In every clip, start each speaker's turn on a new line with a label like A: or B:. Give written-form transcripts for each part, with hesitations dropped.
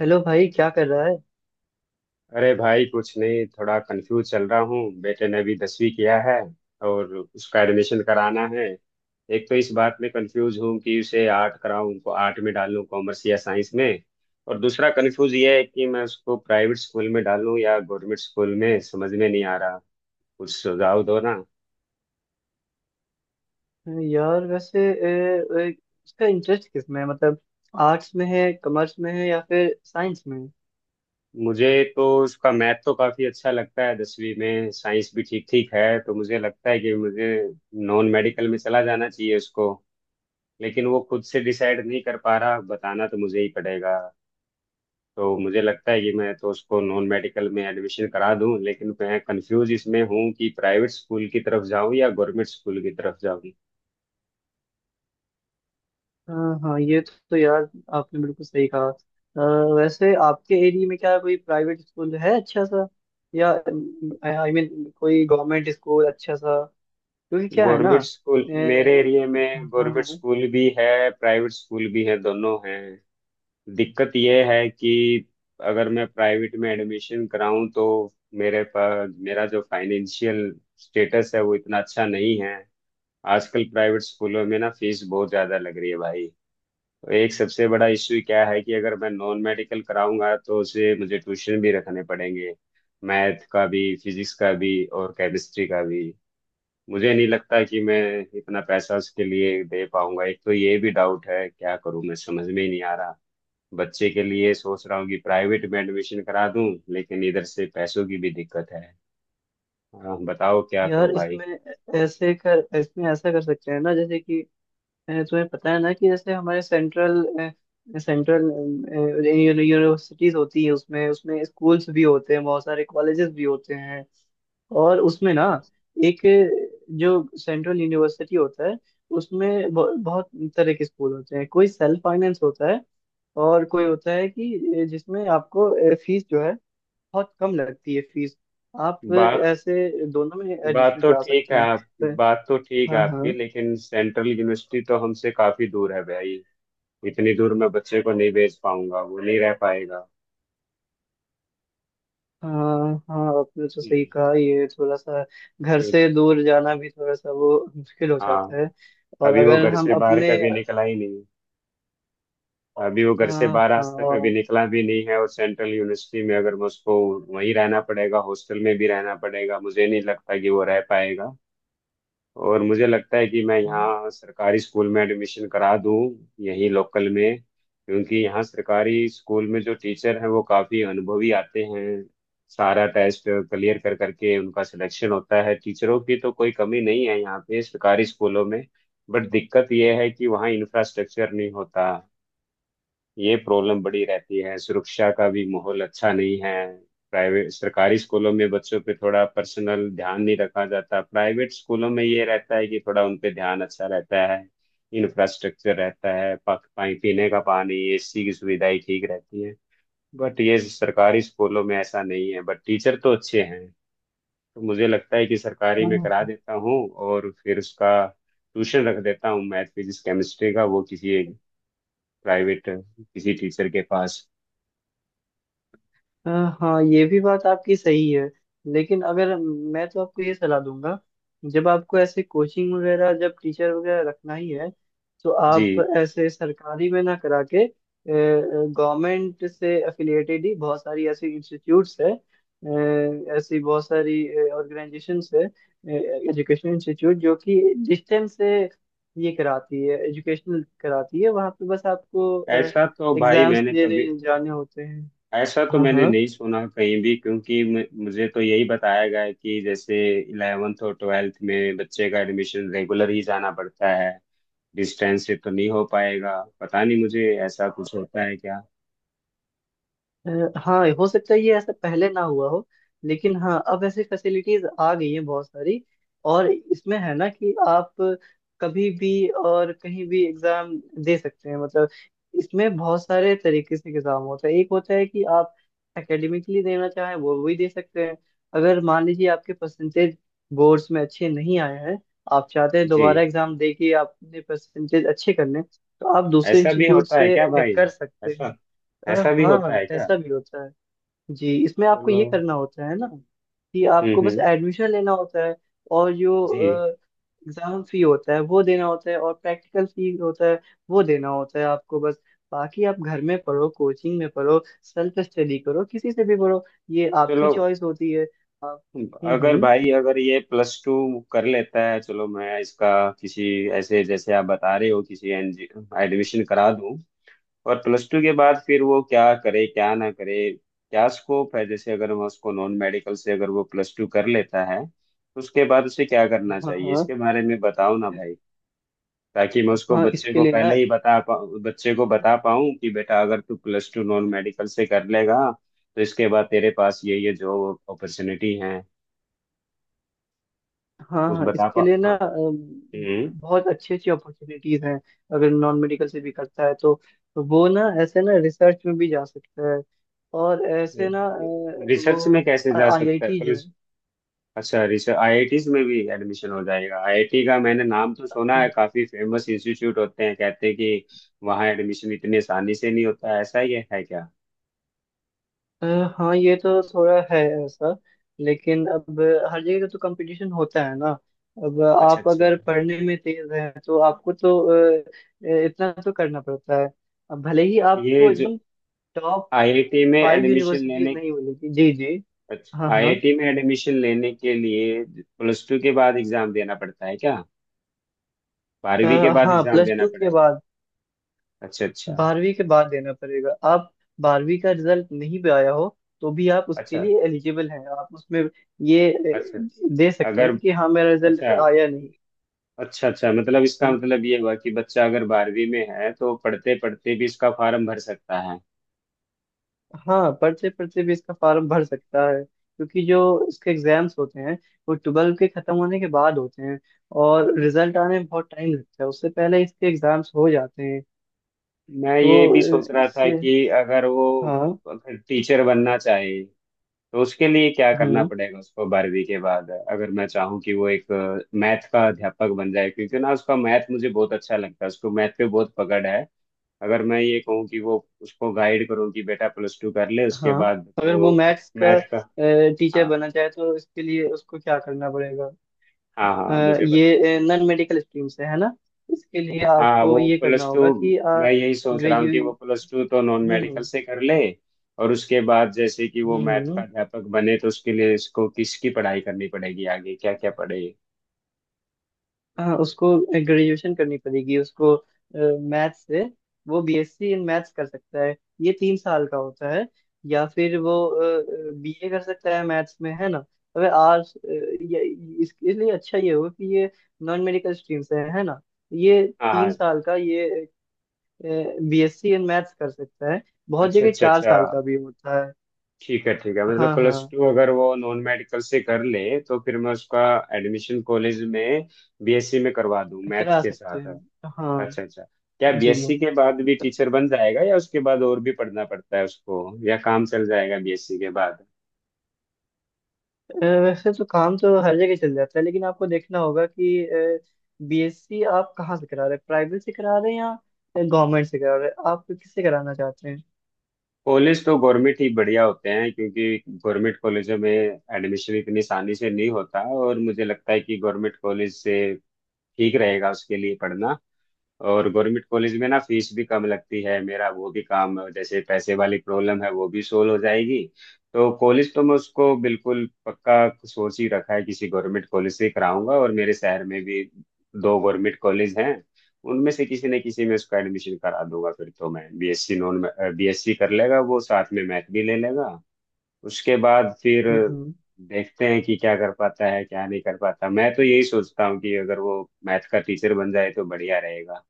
A: Hello भाई, क्या कर रहा
B: अरे भाई, कुछ नहीं, थोड़ा कंफ्यूज चल रहा हूँ। बेटे ने अभी 10वीं किया है और उसका एडमिशन कराना है। एक तो इस बात में कंफ्यूज हूँ कि उसे आर्ट कराऊँ, उनको आर्ट में डालूँ, कॉमर्स या साइंस में। और दूसरा कंफ्यूज ये है कि मैं उसको प्राइवेट स्कूल में डालूँ या गवर्नमेंट स्कूल में, समझ में नहीं आ रहा। कुछ सुझाव दो ना।
A: है यार? वैसे ए, ए, इसका इंटरेस्ट किस में है, मतलब आर्ट्स में है, कॉमर्स में है या फिर साइंस में है?
B: मुझे तो उसका मैथ तो काफी अच्छा लगता है, 10वीं में साइंस भी ठीक ठीक है, तो मुझे लगता है कि मुझे नॉन मेडिकल में चला जाना चाहिए उसको। लेकिन वो खुद से डिसाइड नहीं कर पा रहा, बताना तो मुझे ही पड़ेगा। तो मुझे लगता है कि मैं तो उसको नॉन मेडिकल में एडमिशन करा दूं, लेकिन मैं कंफ्यूज इसमें हूँ कि प्राइवेट स्कूल की तरफ जाऊं या गवर्नमेंट स्कूल की तरफ जाऊं।
A: हाँ हाँ, ये तो यार, आपने बिल्कुल सही कहा। वैसे आपके एरिया में क्या कोई प्राइवेट स्कूल है अच्छा सा, या आई मीन कोई गवर्नमेंट स्कूल अच्छा सा? क्योंकि क्या है ना।
B: गवर्नमेंट स्कूल, मेरे
A: ए,
B: एरिया में
A: हाँ हाँ
B: गवर्नमेंट
A: हाँ।
B: स्कूल भी है, प्राइवेट स्कूल भी है, दोनों हैं। दिक्कत यह है कि अगर मैं प्राइवेट में एडमिशन कराऊं तो मेरे पास मेरा जो फाइनेंशियल स्टेटस है वो इतना अच्छा नहीं है। आजकल प्राइवेट स्कूलों में ना फीस बहुत ज्यादा लग रही है भाई। तो एक सबसे बड़ा इश्यू क्या है कि अगर मैं नॉन मेडिकल कराऊंगा तो उसे मुझे ट्यूशन भी रखने पड़ेंगे, मैथ का भी, फिजिक्स का भी और केमिस्ट्री का भी। मुझे नहीं लगता कि मैं इतना पैसा उसके लिए दे पाऊंगा, एक तो ये भी डाउट है। क्या करूं मैं, समझ में ही नहीं आ रहा। बच्चे के लिए सोच रहा हूँ कि प्राइवेट में एडमिशन करा दूं, लेकिन इधर से पैसों की भी दिक्कत है। हाँ, बताओ क्या करूं
A: यार,
B: भाई।
A: इसमें ऐसे कर इसमें ऐसा कर सकते हैं ना, जैसे कि तुम्हें पता है ना कि जैसे हमारे सेंट्रल सेंट्रल यूनिवर्सिटीज होती है, उसमें उसमें स्कूल्स भी होते हैं, बहुत सारे कॉलेजेस भी होते हैं। और उसमें ना एक जो सेंट्रल यूनिवर्सिटी होता है, उसमें बहुत तरह के स्कूल होते हैं, कोई सेल्फ फाइनेंस होता है, और कोई होता है कि जिसमें आपको फीस जो है बहुत कम लगती है। फीस आप
B: बात
A: ऐसे दोनों में
B: बात
A: एडमिशन
B: तो
A: करा
B: ठीक
A: सकते
B: है
A: हैं।
B: आपकी,
A: अ,
B: बात तो ठीक है आपकी,
A: हाँ
B: लेकिन सेंट्रल यूनिवर्सिटी तो हमसे काफी दूर है भाई। इतनी दूर मैं बच्चे को नहीं भेज पाऊंगा, वो नहीं रह पाएगा।
A: हाँ हाँ, आपने तो सही
B: हम्म।
A: कहा, ये थोड़ा सा घर
B: क्यों-
A: से दूर जाना भी थोड़ा सा वो मुश्किल हो
B: हाँ।
A: जाता है। और
B: अभी वो
A: अगर
B: घर
A: हम
B: से बाहर
A: अपने
B: कभी निकला ही नहीं। अभी वो घर से
A: आ,
B: बाहर आज तक कभी निकला भी नहीं है, और सेंट्रल यूनिवर्सिटी में अगर मैं उसको, वहीं रहना पड़ेगा, हॉस्टल में भी रहना पड़ेगा, मुझे नहीं लगता कि वो रह पाएगा। और मुझे लगता है कि मैं यहाँ सरकारी स्कूल में एडमिशन करा दूँ यहीं लोकल में, क्योंकि यहाँ सरकारी स्कूल में जो टीचर हैं वो काफ़ी अनुभवी आते हैं। सारा टेस्ट क्लियर कर करके उनका सिलेक्शन होता है, टीचरों की तो कोई कमी नहीं है यहाँ पे सरकारी स्कूलों में। बट दिक्कत ये है कि वहाँ इंफ्रास्ट्रक्चर नहीं होता, ये प्रॉब्लम बड़ी रहती है, सुरक्षा का भी माहौल अच्छा नहीं है। प्राइवेट सरकारी स्कूलों में बच्चों पे थोड़ा पर्सनल ध्यान नहीं रखा जाता, प्राइवेट स्कूलों में ये रहता है कि थोड़ा उन पे ध्यान अच्छा रहता है, इंफ्रास्ट्रक्चर रहता है, पानी, पीने का पानी, एसी की सुविधाएं ठीक रहती है। बट ये सरकारी स्कूलों में ऐसा नहीं है, बट टीचर तो अच्छे हैं। तो मुझे लगता है कि सरकारी में
A: हाँ।
B: करा देता हूँ, और फिर उसका ट्यूशन रख देता हूँ मैथ फिजिक्स केमिस्ट्री का, वो किसी एक प्राइवेट किसी टीचर के पास।
A: अ, हाँ, ये भी बात आपकी सही है, लेकिन अगर मैं तो आपको ये सलाह दूंगा, जब आपको ऐसे कोचिंग वगैरह, जब टीचर वगैरह रखना ही है, तो आप
B: जी।
A: ऐसे सरकारी में ना करा के, गवर्नमेंट से एफिलिएटेड ही बहुत सारी ऐसी इंस्टीट्यूट्स है, ऐसी बहुत सारी ऑर्गेनाइजेशंस है, एजुकेशन इंस्टीट्यूट, जो कि डिस्टेंस से ये कराती है, एजुकेशनल कराती है, वहाँ पे बस आपको
B: ऐसा तो भाई
A: एग्जाम्स
B: मैंने
A: देने
B: कभी,
A: जाने होते हैं।
B: ऐसा तो
A: हाँ
B: मैंने
A: हाँ,
B: नहीं सुना कहीं भी, क्योंकि मुझे तो यही बताया गया है कि जैसे 11वीं और 12वीं में बच्चे का एडमिशन रेगुलर ही जाना पड़ता है। डिस्टेंस से तो नहीं हो पाएगा, पता नहीं मुझे, ऐसा कुछ होता है क्या?
A: अ, हाँ, हो सकता है ये ऐसा पहले ना हुआ हो, लेकिन हाँ, अब ऐसी फैसिलिटीज आ गई हैं बहुत सारी। और इसमें है ना कि आप कभी भी और कहीं भी एग्जाम दे सकते हैं, मतलब इसमें बहुत सारे तरीके से एग्जाम होता है। एक होता है कि आप एकेडमिकली देना चाहें, वो भी दे सकते हैं। अगर मान लीजिए आपके परसेंटेज बोर्ड्स में अच्छे नहीं आए हैं, आप चाहते हैं
B: जी।
A: दोबारा एग्जाम दे के आपने परसेंटेज अच्छे करने, तो आप दूसरे
B: ऐसा भी
A: इंस्टीट्यूट
B: होता है क्या
A: से
B: भाई?
A: कर सकते हैं।
B: ऐसा ऐसा भी होता
A: हाँ,
B: है क्या?
A: ऐसा भी होता है। जी, इसमें आपको
B: चलो।
A: ये करना होता है ना कि आपको बस
B: हम्म।
A: एडमिशन लेना होता है, और
B: जी।
A: जो एग्जाम फी होता है वो देना होता है, और प्रैक्टिकल फी होता है वो देना होता है आपको, बस। बाकी आप घर में पढ़ो, कोचिंग में पढ़ो, सेल्फ स्टडी करो, किसी से भी पढ़ो, ये आपकी
B: चलो।
A: चॉइस होती है। आप।
B: अगर
A: हम्म।
B: भाई, अगर ये प्लस टू कर लेता है, चलो, मैं इसका किसी, ऐसे जैसे आप बता रहे हो किसी, एडमिशन करा दूं। और प्लस टू के बाद फिर वो क्या करे, क्या ना करे, क्या स्कोप है? जैसे अगर मैं उसको नॉन मेडिकल से, अगर वो प्लस टू कर लेता है, तो उसके बाद उसे क्या करना
A: हाँ
B: चाहिए,
A: हाँ,
B: इसके बारे में बताओ ना भाई, ताकि मैं उसको,
A: हाँ
B: बच्चे
A: इसके
B: को
A: लिए ना,
B: पहले ही बता पाऊँ, बच्चे को बता पाऊँ कि बेटा अगर तू प्लस टू नॉन मेडिकल से कर लेगा, तो इसके बाद तेरे पास ये जॉब अपॉर्चुनिटी है।
A: हाँ
B: कुछ
A: हाँ,
B: बता
A: इसके
B: पा,
A: लिए ना
B: हाँ। हम्म।
A: बहुत अच्छी अच्छी अपॉर्चुनिटीज हैं। अगर नॉन मेडिकल से भी करता है तो वो ना ऐसे ना रिसर्च में भी जा सकता है, और ऐसे ना
B: रिसर्च में
A: वो
B: कैसे जा सकता है
A: आईआईटी जो है।
B: प्लस? अच्छा, रिसर्च, आईआईटीज में भी एडमिशन हो जाएगा? आईआईटी का मैंने नाम तो सुना है, काफी फेमस इंस्टीट्यूट होते हैं, कहते हैं कि वहाँ एडमिशन इतनी आसानी से नहीं होता है। ऐसा ही है क्या?
A: अ, हाँ, ये तो थोड़ा है ऐसा, लेकिन अब हर जगह का तो कंपटीशन होता है ना। अब
B: अच्छा
A: आप
B: अच्छा।
A: अगर पढ़ने में तेज हैं, तो आपको तो इतना तो करना पड़ता है। अब भले ही
B: ये
A: आपको
B: जो
A: एकदम
B: आईआईटी में
A: फाइव
B: एडमिशन
A: यूनिवर्सिटीज
B: लेने,
A: नहीं बोली थी, जी जी। हाँ
B: अच्छा,
A: हाँ,
B: आईआईटी में एडमिशन लेने के लिए प्लस टू के बाद एग्जाम देना पड़ता है क्या?
A: अ,
B: 12वीं के बाद
A: हाँ,
B: एग्जाम
A: प्लस
B: देना
A: टू के
B: पड़ेगा?
A: बाद,
B: अच्छा अच्छा
A: बारहवीं के बाद देना पड़ेगा। आप बारहवीं का रिजल्ट नहीं भी आया हो, तो भी आप उसके
B: अच्छा।
A: लिए एलिजिबल हैं। आप उसमें ये
B: अच्छा,
A: दे सकते
B: अगर,
A: हैं कि हाँ, मेरा रिजल्ट
B: अच्छा
A: पे आया नहीं।
B: अच्छा अच्छा, मतलब इसका
A: हम्म,
B: मतलब ये हुआ कि बच्चा अगर 12वीं में है तो पढ़ते पढ़ते भी इसका फॉर्म भर सकता है।
A: हाँ, पढ़ते पढ़ते भी इसका फॉर्म भर सकता है, क्योंकि जो इसके एग्जाम्स होते हैं वो ट्वेल्व के खत्म होने के बाद होते हैं, और रिजल्ट आने में बहुत टाइम लगता है, उससे पहले इसके एग्जाम्स हो जाते हैं,
B: मैं
A: तो
B: ये भी सोच रहा था
A: इससे
B: कि अगर वो,
A: हाँ।
B: अगर टीचर बनना चाहे तो उसके लिए क्या करना
A: हम्म।
B: पड़ेगा उसको, 12वीं के बाद, अगर मैं चाहूँ कि वो एक मैथ का अध्यापक बन जाए, क्योंकि ना उसका मैथ मुझे बहुत अच्छा लगता है, उसको मैथ पे बहुत पकड़ है। अगर मैं ये कहूँ कि वो, उसको गाइड करूँ कि बेटा प्लस टू कर ले उसके
A: हाँ,
B: बाद
A: अगर वो
B: वो
A: मैथ्स का
B: मैथ का,
A: टीचर
B: हाँ
A: बनना चाहे, तो इसके लिए उसको क्या करना पड़ेगा?
B: हाँ हाँ, मुझे,
A: ये नॉन मेडिकल स्ट्रीम से है ना, इसके लिए
B: हाँ
A: आपको
B: वो
A: ये करना
B: प्लस टू,
A: होगा कि
B: मैं यही सोच रहा हूँ कि वो
A: ग्रेजुएट।
B: प्लस टू तो नॉन मेडिकल
A: हम्म
B: से कर ले, और उसके बाद जैसे कि वो
A: हम्म।
B: मैथ का अध्यापक बने, तो उसके लिए इसको किसकी पढ़ाई करनी पड़ेगी आगे, क्या क्या पढ़े?
A: हाँ, उसको ग्रेजुएशन करनी पड़ेगी उसको मैथ्स से। वो बीएससी इन मैथ्स कर सकता है, ये 3 साल का होता है। या फिर वो बीए कर सकता है मैथ्स में, है ना। अबे आर्ट्स ये इसलिए अच्छा ये हुआ कि ये नॉन मेडिकल स्ट्रीम से है ना। ये
B: हाँ
A: तीन
B: हाँ।
A: साल का ये बीएससी इन मैथ्स कर सकता है, बहुत
B: अच्छा
A: जगह
B: अच्छा
A: चार
B: अच्छा,
A: साल का भी होता है।
B: ठीक है ठीक है, मतलब
A: हाँ
B: प्लस
A: हाँ,
B: टू अगर वो नॉन मेडिकल से कर ले, तो फिर मैं उसका एडमिशन कॉलेज में बीएससी में करवा दूँ मैथ्स
A: करा
B: के
A: सकते
B: साथ।
A: हैं, हाँ।
B: अच्छा अच्छा, क्या
A: जी,
B: बीएससी के बाद भी टीचर बन जाएगा या उसके बाद और भी पढ़ना पड़ता है उसको, या काम चल जाएगा बीएससी के बाद?
A: वैसे तो काम तो हर जगह चल जाता है, लेकिन आपको देखना होगा कि बीएससी आप कहाँ से करा रहे हैं, प्राइवेट से करा रहे हैं या गवर्नमेंट से करा रहे हैं, आप किससे कराना चाहते हैं?
B: कॉलेज तो गवर्नमेंट ही बढ़िया होते हैं, क्योंकि गवर्नमेंट कॉलेजों में एडमिशन इतनी आसानी से नहीं होता, और मुझे लगता है कि गवर्नमेंट कॉलेज से ठीक रहेगा उसके लिए पढ़ना। और गवर्नमेंट कॉलेज में ना फीस भी कम लगती है, मेरा वो भी काम, जैसे पैसे वाली प्रॉब्लम है वो भी सोल्व हो जाएगी। तो कॉलेज तो मैं उसको बिल्कुल पक्का सोच ही रखा है, किसी गवर्नमेंट कॉलेज से ही कराऊंगा, और मेरे शहर में भी दो गवर्नमेंट कॉलेज हैं, उनमें से किसी न किसी में उसका एडमिशन करा दूंगा। फिर तो मैं बीएससी कर लेगा, वो साथ में मैथ भी ले लेगा, उसके बाद फिर
A: हम्म
B: देखते हैं कि क्या कर पाता है क्या नहीं कर पाता। मैं तो यही सोचता हूँ कि अगर वो मैथ का टीचर बन जाए तो बढ़िया रहेगा।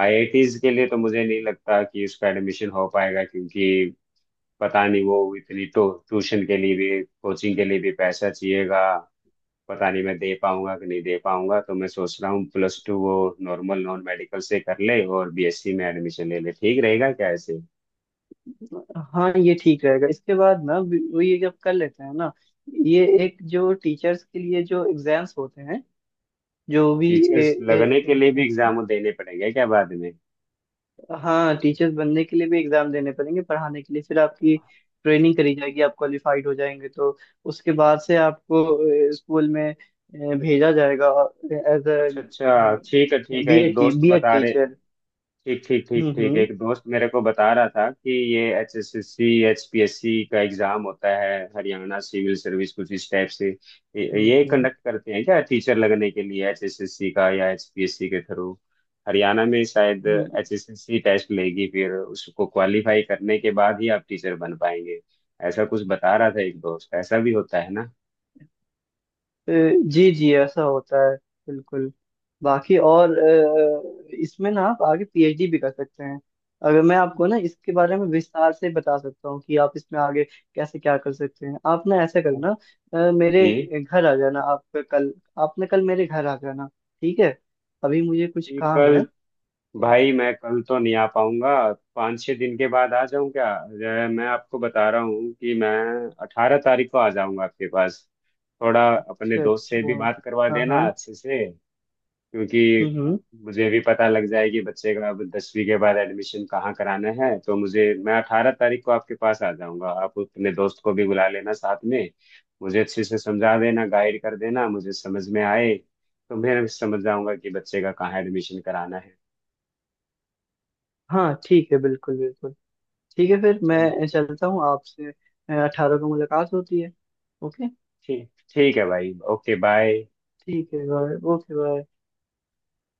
B: आईआईटीज के लिए तो मुझे नहीं लगता कि उसका एडमिशन हो पाएगा, क्योंकि पता नहीं, वो इतनी टो ट्यूशन के लिए भी, कोचिंग के लिए भी पैसा चाहिएगा, पता नहीं मैं दे पाऊंगा कि नहीं दे पाऊंगा। तो मैं सोच रहा हूँ प्लस टू वो नॉर्मल नॉन मेडिकल से कर ले और बीएससी में एडमिशन ले ले, ठीक रहेगा क्या ऐसे?
A: हम्म। हाँ, ये ठीक रहेगा इसके बाद ना वो ये जब कर लेते हैं ना। ये एक जो टीचर्स के लिए जो एग्जाम्स होते हैं, जो भी।
B: टीचर्स लगने के लिए भी एग्जाम देने पड़ेंगे क्या बाद में?
A: हाँ, टीचर्स बनने के लिए भी एग्जाम देने पड़ेंगे पढ़ाने के लिए, फिर आपकी ट्रेनिंग करी जाएगी, आप क्वालिफाइड हो जाएंगे, तो उसके बाद से आपको स्कूल में भेजा जाएगा, एज
B: अच्छा अच्छा, ठीक है
A: अ
B: ठीक है। एक
A: बीएड
B: दोस्त
A: बीएड
B: बता रहे,
A: टीचर।
B: ठीक ठीक ठीक ठीक,
A: हम्म।
B: एक दोस्त मेरे को बता रहा था कि ये H S S C, H P S C का एग्जाम होता है, हरियाणा सिविल सर्विस, कुछ इस टाइप से ये
A: हम्म
B: कंडक्ट करते हैं क्या? टीचर लगने के लिए एच एस एस सी का या एच पी एस सी के थ्रू? हरियाणा में शायद
A: हम्म,
B: H S S C test लेगी, फिर उसको क्वालिफाई करने के बाद ही आप टीचर बन पाएंगे, ऐसा कुछ बता रहा था एक दोस्त। ऐसा भी होता है ना?
A: जी जी, ऐसा होता है, बिल्कुल। बाकी और इसमें ना आप आगे पीएचडी भी कर सकते हैं। अगर मैं आपको ना इसके बारे में विस्तार से बता सकता हूँ कि आप इसमें आगे कैसे क्या कर सकते हैं, आप ना ऐसा करना, मेरे
B: जी।
A: घर आ जाना आप, कल। आपने कल मेरे घर आ जाना, ठीक है? अभी मुझे कुछ काम है
B: कल?
A: तो।
B: भाई मैं कल तो नहीं आ पाऊंगा। 5-6 दिन के बाद आ जाऊं क्या? मैं आपको बता रहा हूँ कि मैं 18 तारीख को आ जाऊंगा आपके पास, थोड़ा अपने
A: अच्छा
B: दोस्त से
A: अच्छा।
B: भी बात करवा
A: हाँ
B: देना
A: हाँ।
B: अच्छे से, क्योंकि
A: हम्म।
B: मुझे भी पता लग जाएगी बच्चे का अब 10वीं के बाद एडमिशन कहाँ कराना है, तो मुझे, मैं 18 तारीख को आपके पास आ जाऊंगा, आप अपने दोस्त को भी बुला लेना साथ में, मुझे अच्छे से समझा देना, गाइड कर देना, मुझे समझ में आए तो मैं समझ जाऊंगा कि बच्चे का कहाँ एडमिशन कराना है।
A: हाँ ठीक है, बिल्कुल बिल्कुल। ठीक है, फिर
B: चलो।
A: मैं चलता हूँ आपसे। 18 को मुलाकात होती है। ओके।
B: ठीक। ठीक है भाई, ओके बाय।
A: ठीक है भाई, ओके भाई।